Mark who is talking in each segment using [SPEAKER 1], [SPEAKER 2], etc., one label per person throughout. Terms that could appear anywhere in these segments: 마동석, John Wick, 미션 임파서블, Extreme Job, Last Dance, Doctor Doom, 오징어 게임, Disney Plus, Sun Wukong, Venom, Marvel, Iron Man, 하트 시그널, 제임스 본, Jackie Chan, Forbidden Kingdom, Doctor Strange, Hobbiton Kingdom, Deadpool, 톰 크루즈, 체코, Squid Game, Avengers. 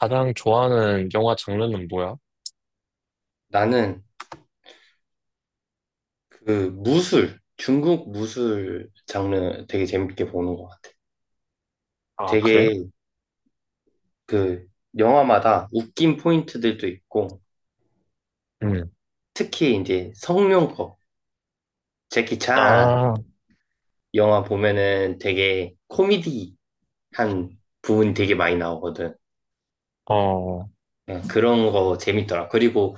[SPEAKER 1] 가장 좋아하는 영화 장르는 뭐야?
[SPEAKER 2] 나는 그 무술, 중국 무술 장르 되게 재밌게 보는 것 같아.
[SPEAKER 1] 아, 그래?
[SPEAKER 2] 되게 그 영화마다 웃긴 포인트들도 있고,
[SPEAKER 1] 응.
[SPEAKER 2] 특히 이제 성룡법, 제키 찬
[SPEAKER 1] 아,
[SPEAKER 2] 영화 보면은 되게 코미디한 부분이 되게 많이 나오거든.
[SPEAKER 1] 어,
[SPEAKER 2] 예, 그런 거 재밌더라. 그리고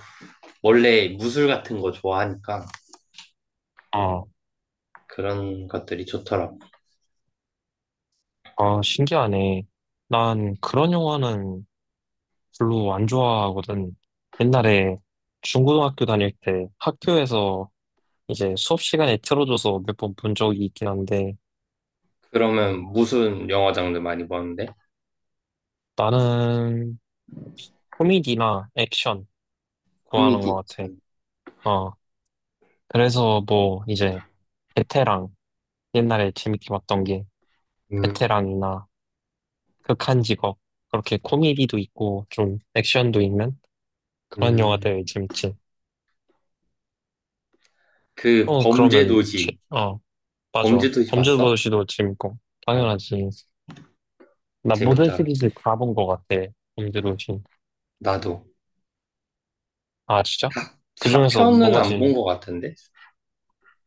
[SPEAKER 2] 원래 무술 같은 거 좋아하니까
[SPEAKER 1] 어,
[SPEAKER 2] 그런 것들이 좋더라.
[SPEAKER 1] 어, 신기하네. 난 그런 영화는 별로 안 좋아하거든. 옛날에 중고등학교 다닐 때 학교에서 이제 수업 시간에 틀어줘서 몇 번 본 적이 있긴 한데,
[SPEAKER 2] 그러면 무슨 영화 장르 많이 보는데?
[SPEAKER 1] 나는 코미디나 액션 좋아하는
[SPEAKER 2] 코미디.
[SPEAKER 1] 것 같아.
[SPEAKER 2] 액션.
[SPEAKER 1] 어, 그래서 뭐 이제 베테랑, 옛날에 재밌게 봤던 게
[SPEAKER 2] 음,
[SPEAKER 1] 베테랑이나 극한 직업. 그렇게 코미디도 있고, 좀 액션도 있는 그런
[SPEAKER 2] 음.
[SPEAKER 1] 영화들 재밌지.
[SPEAKER 2] 그
[SPEAKER 1] 어, 그러면,
[SPEAKER 2] 범죄도시
[SPEAKER 1] 맞아.
[SPEAKER 2] 범죄도시 봤어?
[SPEAKER 1] 범죄도시도 재밌고,
[SPEAKER 2] 어,
[SPEAKER 1] 당연하지. 나 모든
[SPEAKER 2] 재밌다.
[SPEAKER 1] 시리즈 다 본 것 같아. 범죄도시.
[SPEAKER 2] 나도
[SPEAKER 1] 아, 진짜?
[SPEAKER 2] 사
[SPEAKER 1] 그 중에서
[SPEAKER 2] 4편은
[SPEAKER 1] 뭐가
[SPEAKER 2] 안 본
[SPEAKER 1] 제일,
[SPEAKER 2] 것 같은데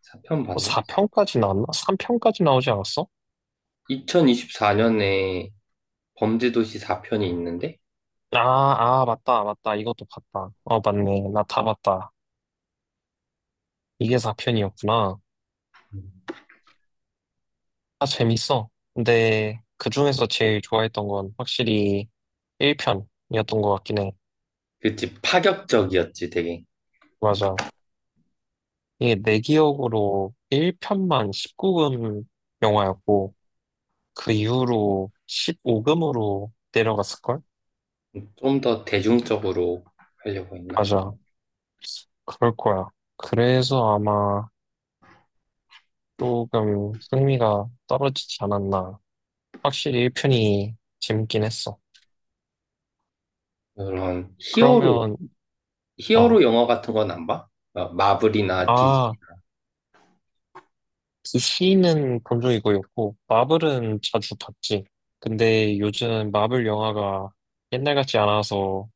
[SPEAKER 2] 4편 봤나?
[SPEAKER 1] 4편까지 나왔나? 3편까지 나오지 않았어?
[SPEAKER 2] 2024년에 범죄도시 4편이 있는데.
[SPEAKER 1] 아, 아, 맞다, 맞다. 이것도 봤다. 어, 맞네. 나 다 봤다. 이게 4편이었구나.
[SPEAKER 2] 음.
[SPEAKER 1] 다 재밌어. 근데 그 중에서 제일 좋아했던 건 확실히 1편이었던 것 같긴 해.
[SPEAKER 2] 그치, 파격적이었지 되게.
[SPEAKER 1] 맞아. 이게 내 기억으로 1편만 19금 영화였고, 그 이후로 15금으로 내려갔을걸?
[SPEAKER 2] 좀 더 대중적으로 하려고 했나?
[SPEAKER 1] 맞아. 그럴 거야. 그래서 아마 조금 흥미가 떨어지지 않았나. 확실히 1편이 재밌긴 했어.
[SPEAKER 2] 그런 히어로
[SPEAKER 1] 그러면,
[SPEAKER 2] 히어로
[SPEAKER 1] 어,
[SPEAKER 2] 영화 같은 건 안 봐? 어, 마블이나 디지.
[SPEAKER 1] 아. 디 c 는 본 적 이거였고, 마블은 자주 봤지. 근데 요즘 마블 영화가 옛날 같지 않아서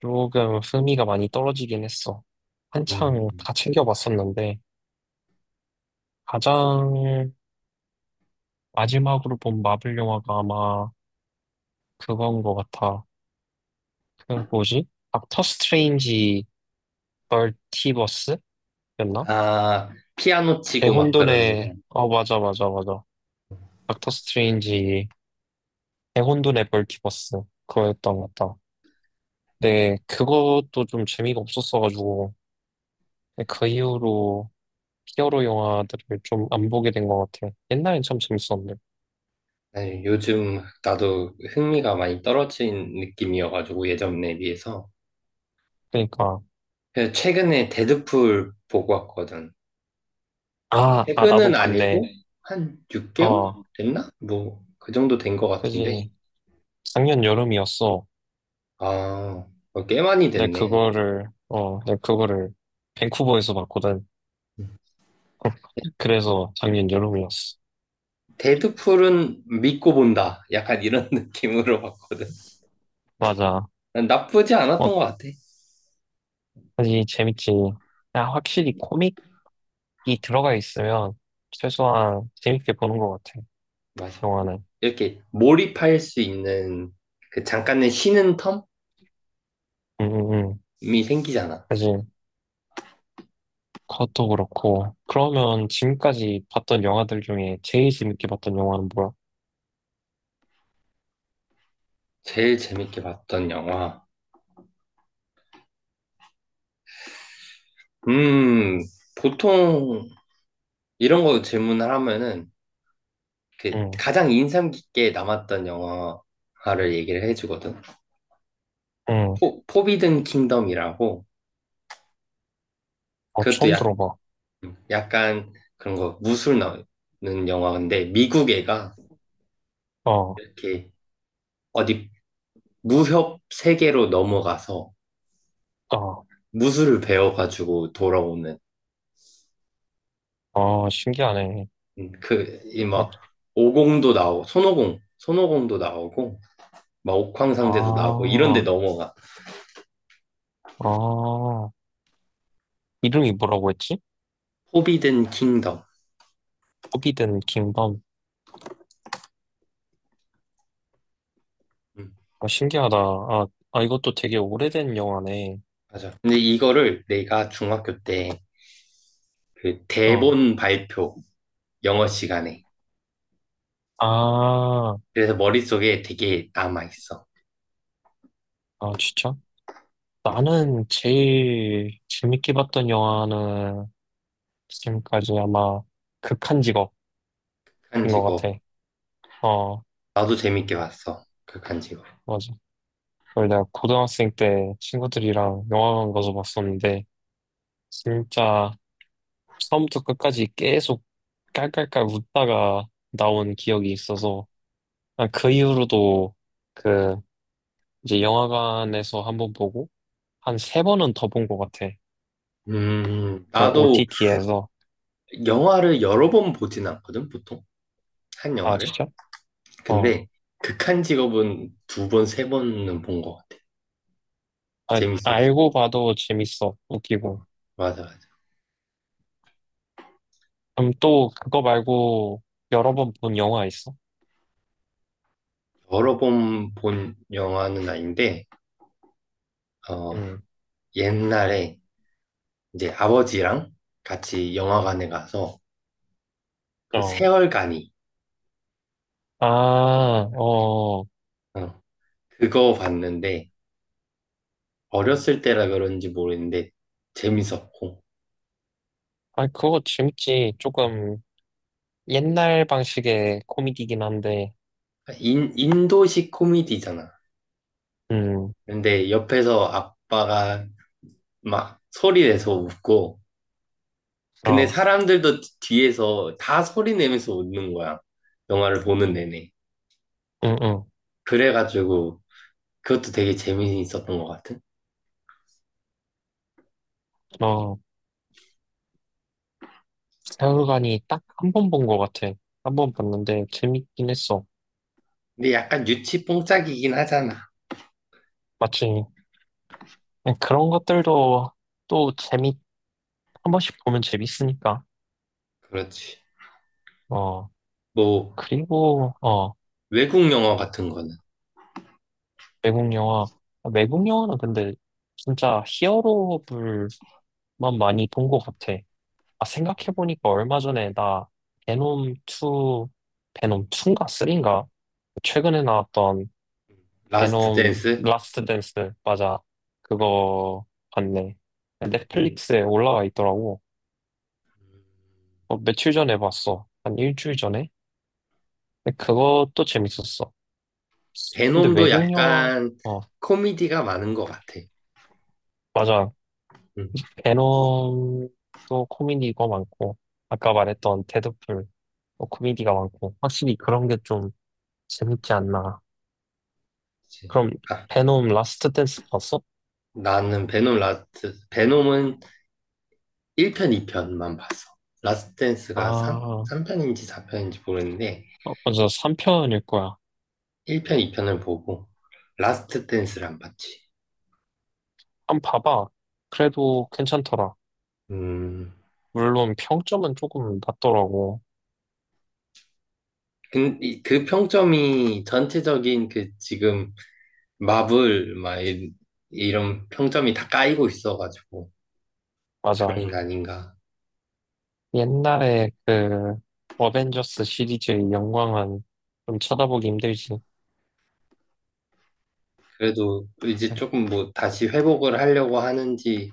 [SPEAKER 1] 조금 흥미가 많이 떨어지긴 했어. 한창
[SPEAKER 2] 음.
[SPEAKER 1] 다 챙겨봤었는데, 가장 마지막으로 본 마블 영화가 아마 그건 것 같아. 그 뭐지? 닥터 스트레인지 벌티버스였나?
[SPEAKER 2] 아, 피아노 치고 막 그러는
[SPEAKER 1] 대혼돈의,
[SPEAKER 2] 거.
[SPEAKER 1] 어, 맞아, 맞아, 맞아. 닥터 스트레인지 대혼돈의 벌티버스. 그거였던 것 같다. 네, 그것도 좀 재미가 없었어가지고, 근데 그 이후로 히어로 영화들을 좀 안 보게 된 것 같아 옛날엔 참 재밌었는데.
[SPEAKER 2] 네, 요즘 나도 흥미가 많이 떨어진 느낌이어가지고 예전에 비해서.
[SPEAKER 1] 그러니까,
[SPEAKER 2] 그래서 최근에 데드풀 보고 왔거든.
[SPEAKER 1] 아, 아, 나도
[SPEAKER 2] 최근은 아니고
[SPEAKER 1] 봤네.
[SPEAKER 2] 네. 한 6개월
[SPEAKER 1] 어,
[SPEAKER 2] 어, 됐나? 뭐 그 정도 된 것 같은데.
[SPEAKER 1] 그지. 작년 여름이었어.
[SPEAKER 2] 아, 어, 꽤 많이 됐네.
[SPEAKER 1] 내 그거를 밴쿠버에서 봤거든. 그래서 작년 여름이었어.
[SPEAKER 2] 데드풀은 믿고 본다, 약간 이런 느낌으로 봤거든.
[SPEAKER 1] 맞아.
[SPEAKER 2] 난 나쁘지 않았던
[SPEAKER 1] 어,
[SPEAKER 2] 것 같아.
[SPEAKER 1] 그지, 재밌지. 야 확실히 코믹이 들어가 있으면 최소한 재밌게 보는 것 같아,
[SPEAKER 2] 맞아.
[SPEAKER 1] 영화는.
[SPEAKER 2] 이렇게 몰입할 수 있는 그 잠깐의 쉬는 텀이
[SPEAKER 1] 음, 음, 음.
[SPEAKER 2] 생기잖아.
[SPEAKER 1] 그지. 그것도 그렇고. 그러면 지금까지 봤던 영화들 중에 제일 재밌게 봤던 영화는 뭐야?
[SPEAKER 2] 제일 재밌게 봤던 영화. 음, 보통 이런 거 질문을 하면은 그
[SPEAKER 1] 응,
[SPEAKER 2] 가장 인상 깊게 남았던 영화를 얘기를 해주거든.
[SPEAKER 1] 응.
[SPEAKER 2] 포비든 킹덤이라고.
[SPEAKER 1] 어,
[SPEAKER 2] 그것도
[SPEAKER 1] 처음
[SPEAKER 2] 약,
[SPEAKER 1] 들어봐.
[SPEAKER 2] 약간 그런 거 무술 나오는 영화인데, 미국 애가
[SPEAKER 1] 어,
[SPEAKER 2] 이렇게 어디 무협 세계로 넘어가서
[SPEAKER 1] 어,
[SPEAKER 2] 무술을 배워가지고 돌아오는.
[SPEAKER 1] 어, 신기하네.
[SPEAKER 2] 그,
[SPEAKER 1] 어,
[SPEAKER 2] 이막 오공도 나오고, 손오공도 나오고, 막 옥황상제도 나오고 이런 데
[SPEAKER 1] 아,
[SPEAKER 2] 넘어가.
[SPEAKER 1] 아. 이름이 뭐라고 했지?
[SPEAKER 2] 포비든 킹덤.
[SPEAKER 1] 호비든 킹덤.
[SPEAKER 2] 음,
[SPEAKER 1] 아, 신기하다. 아, 아, 이것도 되게 오래된 영화네.
[SPEAKER 2] 맞아. 근데 이거를 내가 중학교 때 그
[SPEAKER 1] 어,
[SPEAKER 2] 대본 발표 영어 시간에.
[SPEAKER 1] 아,
[SPEAKER 2] 그래서 머릿속에 되게 남아있어.
[SPEAKER 1] 아, 진짜?
[SPEAKER 2] 어,
[SPEAKER 1] 나는 제일 재밌게 봤던 영화는 지금까지 아마 극한 직업인 것
[SPEAKER 2] 극한직업.
[SPEAKER 1] 같아. 어.
[SPEAKER 2] 나도 재밌게 봤어, 극한직업.
[SPEAKER 1] 맞아. 그걸 내가 고등학생 때 친구들이랑 영화관 가서 봤었는데, 진짜 처음부터 끝까지 계속 깔깔깔 웃다가 나온 기억이 있어서, 아, 그 이후로도 그 이제 영화관에서 한번 보고, 한 세 번은 더 본 것 같아. 그
[SPEAKER 2] 나도
[SPEAKER 1] OTT에서.
[SPEAKER 2] 영화를 여러 번 보진 않거든, 보통. 한
[SPEAKER 1] 아,
[SPEAKER 2] 영화를.
[SPEAKER 1] 진짜? 어.
[SPEAKER 2] 근데 극한직업은 두 번, 세 번은 본 것 같아.
[SPEAKER 1] 아,
[SPEAKER 2] 재밌었어.
[SPEAKER 1] 알고 봐도 재밌어. 웃기고.
[SPEAKER 2] 어, 맞아, 맞아.
[SPEAKER 1] 그럼 또 그거 말고 여러 번 본 영화 있어?
[SPEAKER 2] 여러 번 본 영화는 아닌데, 어,
[SPEAKER 1] 응.
[SPEAKER 2] 옛날에 이제 아버지랑 같이 영화관에 가서 그
[SPEAKER 1] 어.
[SPEAKER 2] 세월간이,
[SPEAKER 1] 아, 어.
[SPEAKER 2] 어, 그거 봤는데 어렸을 때라 그런지 모르겠는데 재밌었고.
[SPEAKER 1] 아, 그거 재밌지. 조금 옛날 방식의 코미디긴 한데,
[SPEAKER 2] 그러니까 인도식 코미디잖아.
[SPEAKER 1] 음,
[SPEAKER 2] 근데 옆에서 아빠가 막 소리 내서 웃고, 근데
[SPEAKER 1] 어,
[SPEAKER 2] 사람들도 뒤에서 다 소리 내면서 웃는 거야, 영화를 보는 내내.
[SPEAKER 1] 응, 응,
[SPEAKER 2] 그래가지고 그것도 되게 재미있었던 것 같은.
[SPEAKER 1] 어, 세월간이 딱 한 번 본 것 같아. 한 번 봤는데 재밌긴 했어.
[SPEAKER 2] 근데 약간 유치 뽕짝이긴 하잖아.
[SPEAKER 1] 마지 그런 것들도 또 재밌, 한 번씩 보면 재밌으니까.
[SPEAKER 2] 그렇지.
[SPEAKER 1] 어,
[SPEAKER 2] 뭐
[SPEAKER 1] 그리고, 어,
[SPEAKER 2] 외국 영화 같은 거는.
[SPEAKER 1] 외국 영화. 아, 외국 영화는 근데 진짜 히어로물만 많이 본 것 같아. 아, 생각해보니까 얼마 전에 나 베놈 2, 베놈 2인가 3인가? 최근에 나왔던
[SPEAKER 2] 라스트
[SPEAKER 1] 베놈
[SPEAKER 2] 댄스?
[SPEAKER 1] 라스트 댄스, 맞아. 그거 봤네.
[SPEAKER 2] 음,
[SPEAKER 1] 넷플릭스에 올라와 있더라고. 어, 며칠 전에 봤어. 한 일주일 전에? 근데 그것도 재밌었어. 근데
[SPEAKER 2] 베놈도
[SPEAKER 1] 외국 영화,
[SPEAKER 2] 약간
[SPEAKER 1] 어,
[SPEAKER 2] 코미디가 많은 것 같아.
[SPEAKER 1] 맞아.
[SPEAKER 2] 음,
[SPEAKER 1] 베놈도 코미디가 많고, 아까 말했던 데드풀도 코미디가 많고, 확실히 그런 게 좀 재밌지 않나.
[SPEAKER 2] 그치.
[SPEAKER 1] 그럼
[SPEAKER 2] 아,
[SPEAKER 1] 베놈 라스트 댄스 봤어?
[SPEAKER 2] 나는 베놈 라스트, 베놈은 1편, 2편만 봤어. 라스트 댄스가 3,
[SPEAKER 1] 아,
[SPEAKER 2] 삼편인지 4편인지 모르는데,
[SPEAKER 1] 어, 맞아. 3편일 거야.
[SPEAKER 2] 1편, 2편을 보고, 라스트 댄스를 안 봤지.
[SPEAKER 1] 한번 봐봐. 그래도 괜찮더라.
[SPEAKER 2] 음,
[SPEAKER 1] 물론 평점은 조금 낮더라고.
[SPEAKER 2] 그 평점이 전체적인 그 지금 마블, 막 이런 평점이 다 까이고 있어가지고,
[SPEAKER 1] 맞아.
[SPEAKER 2] 그런 게 아닌가.
[SPEAKER 1] 옛날에 그 어벤져스 시리즈의 영광은 좀 쳐다보기 힘들지.
[SPEAKER 2] 그래도 이제 조금 뭐 다시 회복을 하려고 하는지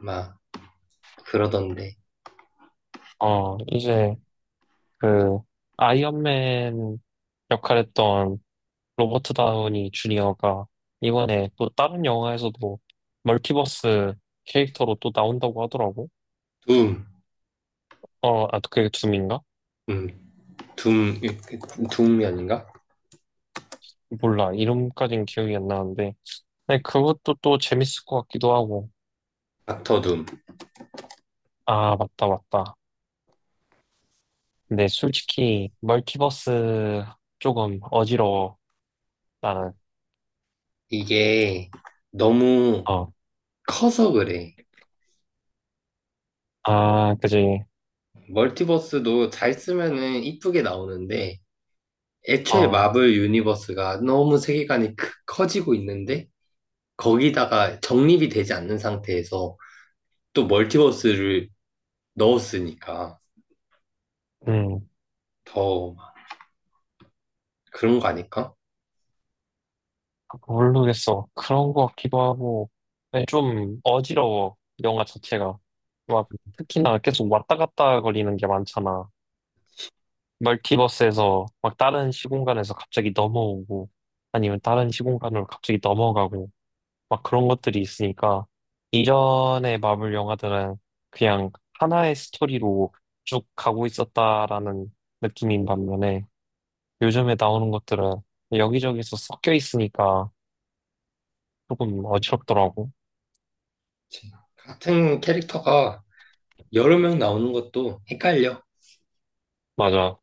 [SPEAKER 2] 막 그러던데.
[SPEAKER 1] 어, 이제 그 아이언맨 역할했던 로버트 다우니 주니어가 이번에 또 다른 영화에서도 멀티버스 캐릭터로 또 나온다고 하더라고.
[SPEAKER 2] 둠,
[SPEAKER 1] 어, 아, 그게 둠인가?
[SPEAKER 2] 음, 둠, 둠이 아닌가?
[SPEAKER 1] 몰라. 이름까진 기억이 안 나는데. 근데 그것도 또 재밌을 것 같기도 하고.
[SPEAKER 2] 닥터 둠.
[SPEAKER 1] 아, 맞다, 맞다. 근데 솔직히, 멀티버스 조금 어지러워. 나는.
[SPEAKER 2] 이게 너무
[SPEAKER 1] 어.
[SPEAKER 2] 커서 그래.
[SPEAKER 1] 아, 그지.
[SPEAKER 2] 멀티버스도 잘 쓰면은 이쁘게 나오는데 애초에
[SPEAKER 1] 어,
[SPEAKER 2] 마블 유니버스가 너무 세계관이 커지고 있는데, 거기다가 정립이 되지 않는 상태에서 또 멀티버스를 넣었으니까
[SPEAKER 1] 음.
[SPEAKER 2] 더막 그런 거 아닐까?
[SPEAKER 1] 모르겠어. 그런 것 같기도 하고. 근데 좀 어지러워. 영화 자체가. 막, 특히나 계속 왔다 갔다 거리는 게 많잖아. 멀티버스에서 막 다른 시공간에서 갑자기 넘어오고 아니면 다른 시공간으로 갑자기 넘어가고 막 그런 것들이 있으니까 이전의 마블 영화들은 그냥 하나의 스토리로 쭉 가고 있었다라는 느낌인 반면에 요즘에 나오는 것들은 여기저기서 섞여 있으니까 조금 어지럽더라고.
[SPEAKER 2] 같은 캐릭터가 여러 명 나오는 것도 헷갈려.
[SPEAKER 1] 맞아.